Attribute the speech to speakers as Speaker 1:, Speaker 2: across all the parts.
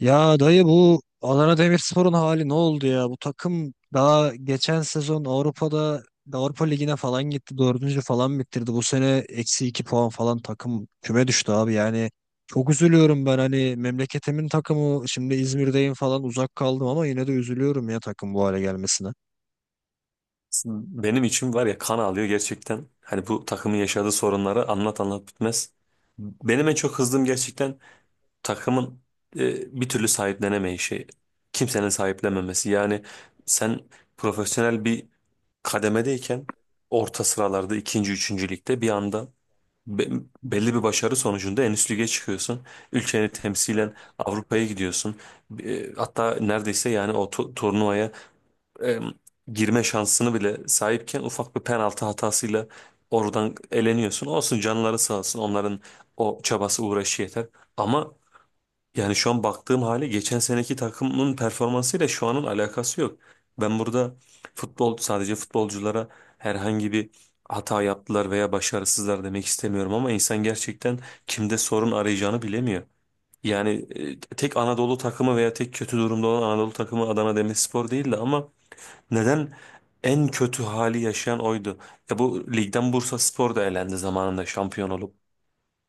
Speaker 1: Ya dayı bu Adana Demirspor'un hali ne oldu ya? Bu takım daha geçen sezon Avrupa'da Avrupa Ligi'ne falan gitti. Dördüncü falan bitirdi. Bu sene eksi iki puan falan takım küme düştü abi. Yani çok üzülüyorum ben hani memleketimin takımı, şimdi İzmir'deyim falan, uzak kaldım ama yine de üzülüyorum ya takım bu hale gelmesine.
Speaker 2: Benim için var ya, kan ağlıyor gerçekten. Hani bu takımın yaşadığı sorunları anlat anlat bitmez. Benim en çok kızdığım gerçekten takımın bir türlü sahiplenemeyişi. Kimsenin sahiplenmemesi. Yani sen profesyonel bir kademedeyken orta sıralarda ikinci, üçüncü ligde bir anda be- belli bir başarı sonucunda en üst lige çıkıyorsun. Ülkeni temsilen Avrupa'ya gidiyorsun. E, hatta neredeyse yani o turnuvaya e, girme şansını bile sahipken ufak bir penaltı hatasıyla oradan eleniyorsun. Olsun, canları sağ olsun, onların o çabası uğraşı yeter. Ama yani şu an baktığım hali, geçen seneki takımın performansıyla şu anın alakası yok. Ben burada futbol sadece futbolculara herhangi bir hata yaptılar veya başarısızlar demek istemiyorum, ama insan gerçekten kimde sorun arayacağını bilemiyor. Yani tek Anadolu takımı veya tek kötü durumda olan Anadolu takımı Adana Demirspor değildi ama neden? En kötü hali yaşayan oydu. Ya bu ligden Bursaspor da elendi zamanında şampiyon olup.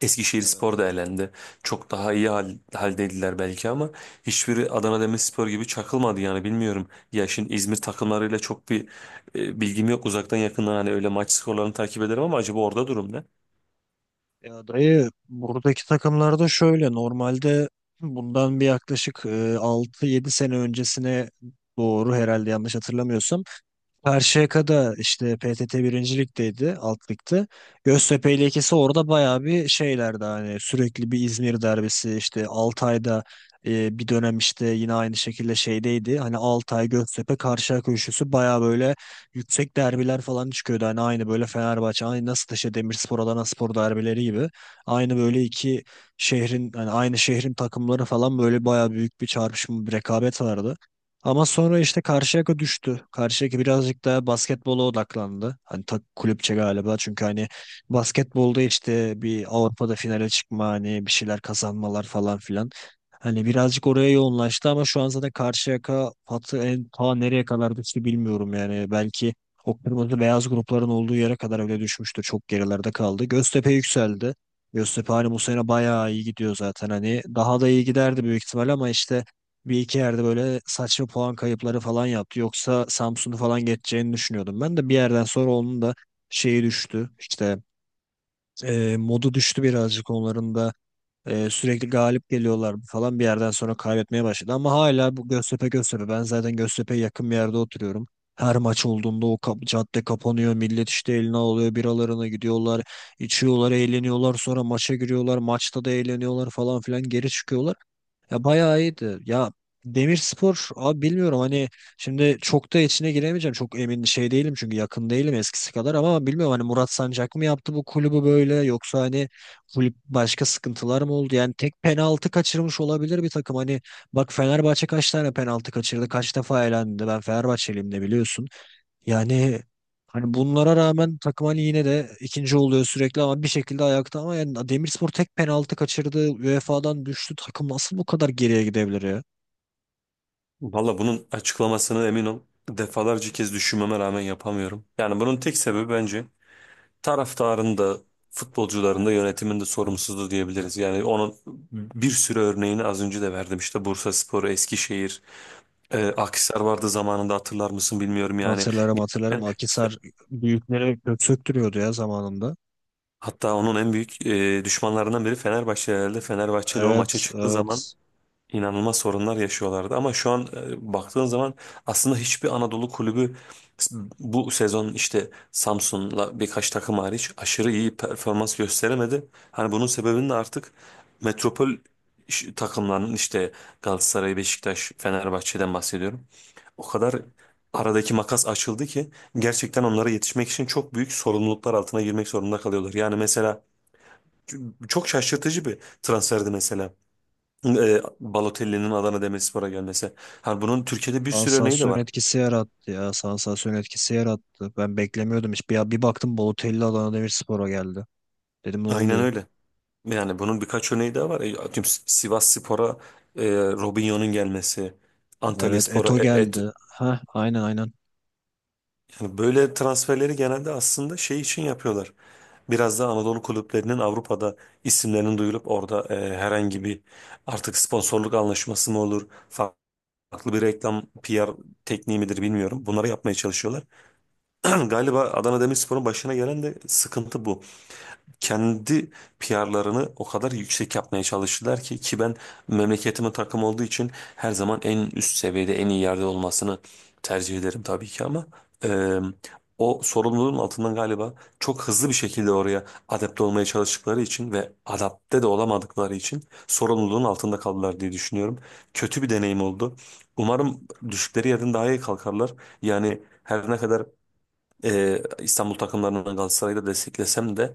Speaker 2: Eskişehirspor da
Speaker 1: Evet.
Speaker 2: elendi. Çok daha iyi haldeydiler belki ama hiçbiri Adana Demirspor gibi çakılmadı, yani bilmiyorum. Ya şimdi İzmir takımlarıyla çok bir bilgim yok, uzaktan yakından hani öyle maç skorlarını takip ederim ama acaba orada durum ne?
Speaker 1: Ya dayı buradaki takımlarda şöyle normalde bundan bir yaklaşık 6-7 sene öncesine doğru, herhalde yanlış hatırlamıyorsam, Karşıyaka'da işte PTT birinci ligdeydi, alt ligde. Göztepe ile ikisi orada bayağı bir şeylerdi, hani sürekli bir İzmir derbisi, işte Altay'da bir dönem işte yine aynı şekilde şeydeydi. Hani Altay, Göztepe, Karşıyaka üçlüsü bayağı böyle yüksek derbiler falan çıkıyordu. Hani aynı böyle Fenerbahçe, aynı nasıl işte Demirspor, Adanaspor derbileri gibi. Aynı böyle iki şehrin, hani aynı şehrin takımları falan, böyle bayağı büyük bir çarpışma, bir rekabet vardı. Ama sonra işte Karşıyaka düştü. Karşıyaka birazcık daha basketbola odaklandı. Hani tak kulüpçe galiba. Çünkü hani basketbolda işte bir Avrupa'da finale çıkma, hani bir şeyler kazanmalar falan filan. Hani birazcık oraya yoğunlaştı ama şu an zaten Karşıyaka patı en ta nereye kadar düştü bilmiyorum yani. Belki o kırmızı beyaz grupların olduğu yere kadar öyle düşmüştür. Çok gerilerde kaldı. Göztepe yükseldi. Göztepe hani bu sene bayağı iyi gidiyor zaten hani. Daha da iyi giderdi büyük ihtimal ama işte bir iki yerde böyle saçma puan kayıpları falan yaptı. Yoksa Samsun'u falan geçeceğini düşünüyordum. Ben de bir yerden sonra onun da şeyi düştü. İşte modu düştü birazcık onların da. Sürekli galip geliyorlar falan, bir yerden sonra kaybetmeye başladı. Ama hala bu Göztepe Göztepe. Ben zaten Göztepe'ye yakın bir yerde oturuyorum. Her maç olduğunda o cadde kapanıyor. Millet işte eline alıyor, biralarına gidiyorlar. İçiyorlar, eğleniyorlar. Sonra maça giriyorlar. Maçta da eğleniyorlar falan filan. Geri çıkıyorlar. Ya bayağı iyiydi. Ya Demirspor abi bilmiyorum, hani şimdi çok da içine giremeyeceğim. Çok emin şey değilim çünkü yakın değilim eskisi kadar, ama bilmiyorum hani Murat Sancak mı yaptı bu kulübü böyle, yoksa hani kulüp başka sıkıntılar mı oldu? Yani tek penaltı kaçırmış olabilir bir takım. Hani bak Fenerbahçe kaç tane penaltı kaçırdı? Kaç defa elendi? Ben Fenerbahçeliyim de, biliyorsun. Yani hani bunlara rağmen takım hani yine de ikinci oluyor sürekli, ama bir şekilde ayakta. Ama yani Demirspor tek penaltı kaçırdı. UEFA'dan düştü. Takım nasıl bu kadar geriye gidebilir ya?
Speaker 2: Valla bunun açıklamasını emin ol, defalarca kez düşünmeme rağmen yapamıyorum. Yani bunun tek sebebi bence taraftarın da futbolcuların da yönetimin de sorumsuzluğu diyebiliriz. Yani onun bir sürü örneğini az önce de verdim. İşte Bursaspor, Eskişehir,
Speaker 1: Hı hı.
Speaker 2: Akhisar vardı zamanında, hatırlar mısın bilmiyorum yani.
Speaker 1: Hatırlarım hatırlarım.
Speaker 2: Gerçekten
Speaker 1: Akisar büyüklere kök söktürüyordu ya zamanında.
Speaker 2: hatta onun en büyük düşmanlarından biri Fenerbahçe herhalde. Fenerbahçe ile o maça
Speaker 1: Evet
Speaker 2: çıktığı zaman
Speaker 1: evet.
Speaker 2: inanılmaz sorunlar yaşıyorlardı. Ama şu an baktığın zaman aslında hiçbir Anadolu kulübü bu sezon işte Samsun'la birkaç takım hariç aşırı iyi performans gösteremedi. Hani bunun sebebini de artık metropol takımlarının, işte Galatasaray, Beşiktaş, Fenerbahçe'den bahsediyorum. O
Speaker 1: Hı
Speaker 2: kadar
Speaker 1: hı.
Speaker 2: aradaki makas açıldı ki gerçekten onlara yetişmek için çok büyük sorumluluklar altına girmek zorunda kalıyorlar. Yani mesela çok şaşırtıcı bir transferdi mesela. E, Balotelli'nin Adana Demirspor'a gelmesi. Hani bunun Türkiye'de bir sürü örneği de
Speaker 1: Sansasyon
Speaker 2: var.
Speaker 1: etkisi yarattı ya. Sansasyon etkisi yarattı. Ben beklemiyordum hiç. Bir baktım Balotelli Adana Demirspor'a geldi. Dedim ne
Speaker 2: Aynen
Speaker 1: oluyor?
Speaker 2: öyle. Yani bunun birkaç örneği daha var. E, atıyorum, Sivasspor'a Robinho'nun gelmesi,
Speaker 1: Evet,
Speaker 2: Antalyaspor'a
Speaker 1: Eto
Speaker 2: Et,
Speaker 1: geldi. Ha, aynen aynen.
Speaker 2: yani böyle transferleri genelde aslında şey için yapıyorlar. Biraz da Anadolu kulüplerinin Avrupa'da isimlerinin duyulup orada herhangi bir, artık sponsorluk anlaşması mı olur, farklı bir reklam PR tekniği midir bilmiyorum. Bunları yapmaya çalışıyorlar. Galiba Adana Demirspor'un başına gelen de sıkıntı bu. Kendi PR'larını o kadar yüksek yapmaya çalıştılar ki ben memleketimin takım olduğu için her zaman en üst seviyede en iyi yerde olmasını tercih ederim tabii ki, ama e, o sorumluluğun altından galiba çok hızlı bir şekilde oraya adapte olmaya çalıştıkları için ve adapte de olamadıkları için sorumluluğun altında kaldılar diye düşünüyorum. Kötü bir deneyim oldu. Umarım düştükleri yerden daha iyi kalkarlar. Yani her ne kadar İstanbul takımlarını, Galatasaray'da desteklesem de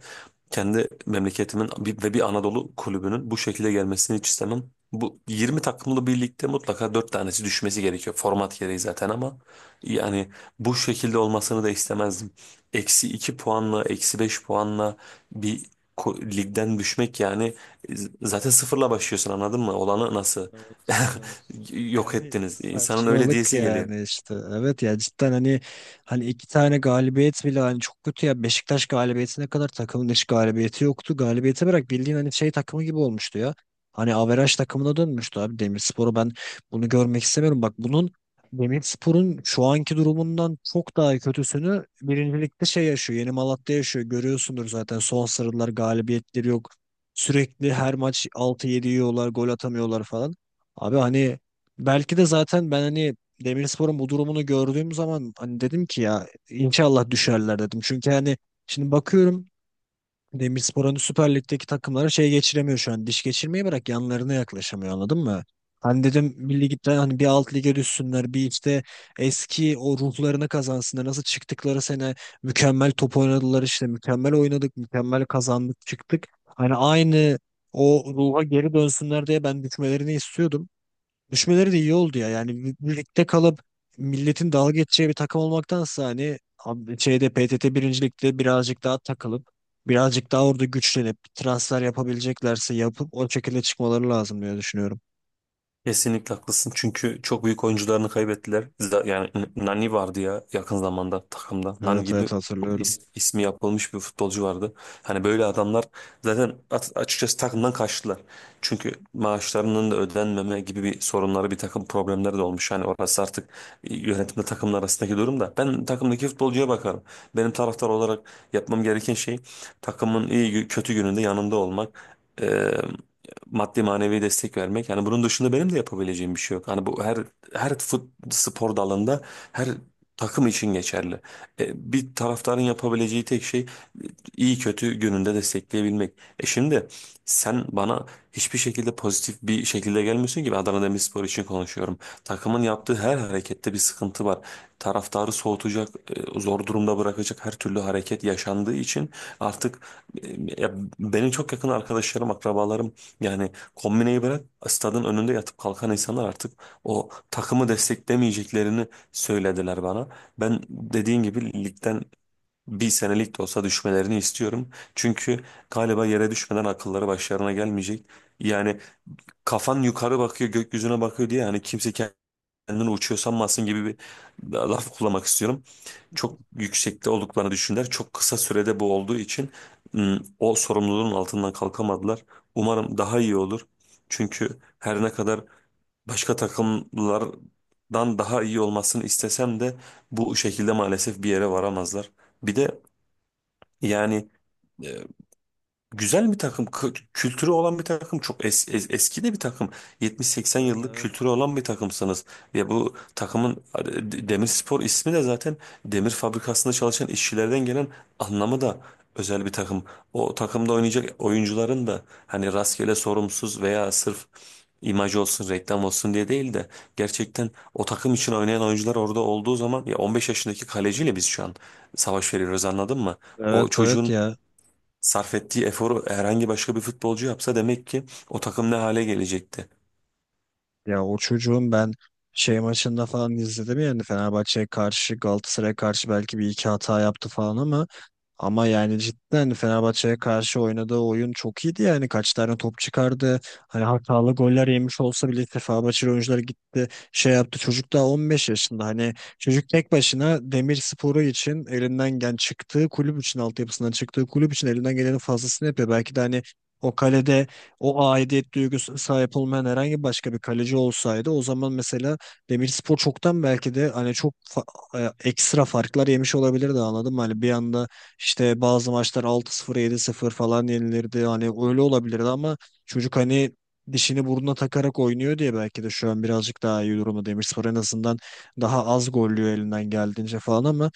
Speaker 2: kendi memleketimin ve bir Anadolu kulübünün bu şekilde gelmesini hiç istemem. Bu 20 takımlı birlikte mutlaka 4 tanesi düşmesi gerekiyor. Format gereği zaten, ama yani bu şekilde olmasını da istemezdim. Eksi 2 puanla, eksi 5 puanla bir ligden düşmek, yani zaten sıfırla başlıyorsun, anladın mı? Olanı nasıl
Speaker 1: Evet, evet.
Speaker 2: yok
Speaker 1: Yani
Speaker 2: ettiniz? İnsanın öyle
Speaker 1: saçmalık
Speaker 2: diyesi geliyor.
Speaker 1: yani işte. Evet ya, cidden hani iki tane galibiyet bile hani, çok kötü ya. Beşiktaş galibiyetine kadar takımın hiç galibiyeti yoktu. Galibiyeti bırak, bildiğin hani şey takımı gibi olmuştu ya. Hani averaj takımına dönmüştü abi. Demirspor'u ben bunu görmek istemiyorum. Bak bunun, Demirspor'un şu anki durumundan çok daha kötüsünü birincilikte şey yaşıyor. Yeni Malatya yaşıyor. Görüyorsundur zaten, son sarılar galibiyetleri yok. Sürekli her maç altı 7 yiyorlar, gol atamıyorlar falan. Abi hani belki de zaten ben hani Demirspor'un bu durumunu gördüğüm zaman hani dedim ki ya inşallah düşerler dedim. Çünkü hani şimdi bakıyorum, Demirspor hani Süper Lig'deki takımlara şey geçiremiyor şu an. Diş geçirmeyi bırak, yanlarına yaklaşamıyor, anladın mı? Hani dedim bir ligden hani bir alt lige düşsünler, bir işte eski o ruhlarını kazansınlar. Nasıl çıktıkları sene mükemmel top oynadılar, işte mükemmel oynadık mükemmel kazandık çıktık. Hani aynı o ruha geri dönsünler diye ben düşmelerini istiyordum. Düşmeleri de iyi oldu ya. Yani birlikte kalıp milletin dalga geçeceği bir takım olmaktansa, hani şeyde PTT birincilikte birazcık daha takılıp, birazcık daha orada güçlenip transfer yapabileceklerse yapıp, o şekilde çıkmaları lazım diye düşünüyorum.
Speaker 2: Kesinlikle haklısın, çünkü çok büyük oyuncularını kaybettiler. Yani Nani vardı ya yakın zamanda takımda. Nani
Speaker 1: Evet
Speaker 2: gibi
Speaker 1: evet,
Speaker 2: çok
Speaker 1: hatırlıyorum.
Speaker 2: ismi yapılmış bir futbolcu vardı. Hani böyle adamlar zaten açıkçası takımdan kaçtılar. Çünkü maaşlarının da ödenmeme gibi bir sorunları, bir takım problemleri de olmuş. Yani orası artık yönetimle takımın arasındaki durum da. Ben takımdaki futbolcuya bakarım. Benim taraftar olarak yapmam gereken şey, takımın iyi kötü gününde yanında olmak, maddi manevi destek vermek. Yani bunun dışında benim de yapabileceğim bir şey yok. Hani bu her her spor dalında her takım için geçerli. E, bir taraftarın yapabileceği tek şey iyi kötü gününde destekleyebilmek. E şimdi sen bana hiçbir şekilde pozitif bir şekilde gelmiyorsun ki ben Adana Demirspor için konuşuyorum. Takımın yaptığı her harekette bir sıkıntı var. Taraftarı soğutacak, zor durumda bırakacak her türlü hareket yaşandığı için artık e, ya benim çok yakın arkadaşlarım, akrabalarım yani kombineyi bırak, stadın önünde yatıp kalkan insanlar artık o takımı desteklemeyeceklerini söylediler bana. Ben dediğin gibi ligden bir senelik de olsa düşmelerini istiyorum. Çünkü galiba yere düşmeden akılları başlarına gelmeyecek. Yani kafan yukarı bakıyor, gökyüzüne bakıyor diye yani kimse kendini uçuyor sanmasın gibi bir laf kullanmak istiyorum. Çok yüksekte olduklarını düşündüler. Çok kısa sürede bu olduğu için o sorumluluğun altından kalkamadılar. Umarım daha iyi olur. Çünkü her ne kadar başka takımlardan daha iyi olmasını istesem de bu şekilde maalesef bir yere varamazlar. Bir de yani güzel bir takım, kültürü olan bir takım, çok eski de bir takım. 70-80
Speaker 1: Evet
Speaker 2: yıllık
Speaker 1: evet.
Speaker 2: kültürü olan bir takımsınız. Ve bu takımın Demirspor ismi de zaten demir fabrikasında çalışan işçilerden gelen anlamı da özel bir takım. O takımda oynayacak oyuncuların da hani rastgele sorumsuz veya sırf imaj olsun, reklam olsun diye değil de gerçekten o takım için oynayan oyuncular orada olduğu zaman, ya 15 yaşındaki kaleciyle biz şu an savaş veriyoruz, anladın mı?
Speaker 1: Evet
Speaker 2: O
Speaker 1: evet
Speaker 2: çocuğun
Speaker 1: ya.
Speaker 2: sarf ettiği eforu herhangi başka bir futbolcu yapsa, demek ki o takım ne hale gelecekti.
Speaker 1: Ya o çocuğun ben şey maçında falan izledim yani, Fenerbahçe'ye karşı Galatasaray'a karşı belki bir iki hata yaptı falan ama, ama yani cidden Fenerbahçe'ye karşı oynadığı oyun çok iyiydi yani, kaç tane top çıkardı. Hani hatalı goller yemiş olsa bile, Fenerbahçeli oyuncular gitti şey yaptı, çocuk daha 15 yaşında hani. Çocuk tek başına Demirspor'u için elinden gelen, çıktığı kulüp için, altyapısından çıktığı kulüp için elinden gelenin fazlasını yapıyor. Belki de hani o kalede o aidiyet duygusu sahip olmayan herhangi başka bir kaleci olsaydı, o zaman mesela Demirspor çoktan belki de hani çok ekstra farklar yemiş olabilirdi, anladın mı? Hani bir anda işte bazı maçlar altı sıfır yedi sıfır falan yenilirdi. Hani öyle olabilirdi ama çocuk hani dişini burnuna takarak oynuyor diye belki de şu an birazcık daha iyi durumda Demirspor. En azından daha az gollüyor elinden geldiğince falan, ama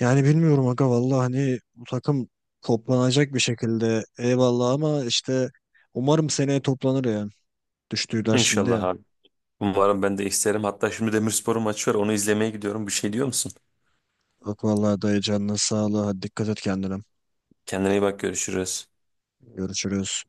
Speaker 1: yani bilmiyorum aga vallahi hani bu takım toplanacak bir şekilde, eyvallah, ama işte umarım seneye toplanır ya. Düştüler şimdi
Speaker 2: İnşallah
Speaker 1: ya.
Speaker 2: abi. Umarım, ben de isterim. Hatta şimdi Demirspor'un maçı var. Onu izlemeye gidiyorum. Bir şey diyor musun?
Speaker 1: Bak vallahi dayı, canına sağlığı. Hadi dikkat et kendine.
Speaker 2: Kendine iyi bak. Görüşürüz.
Speaker 1: Görüşürüz.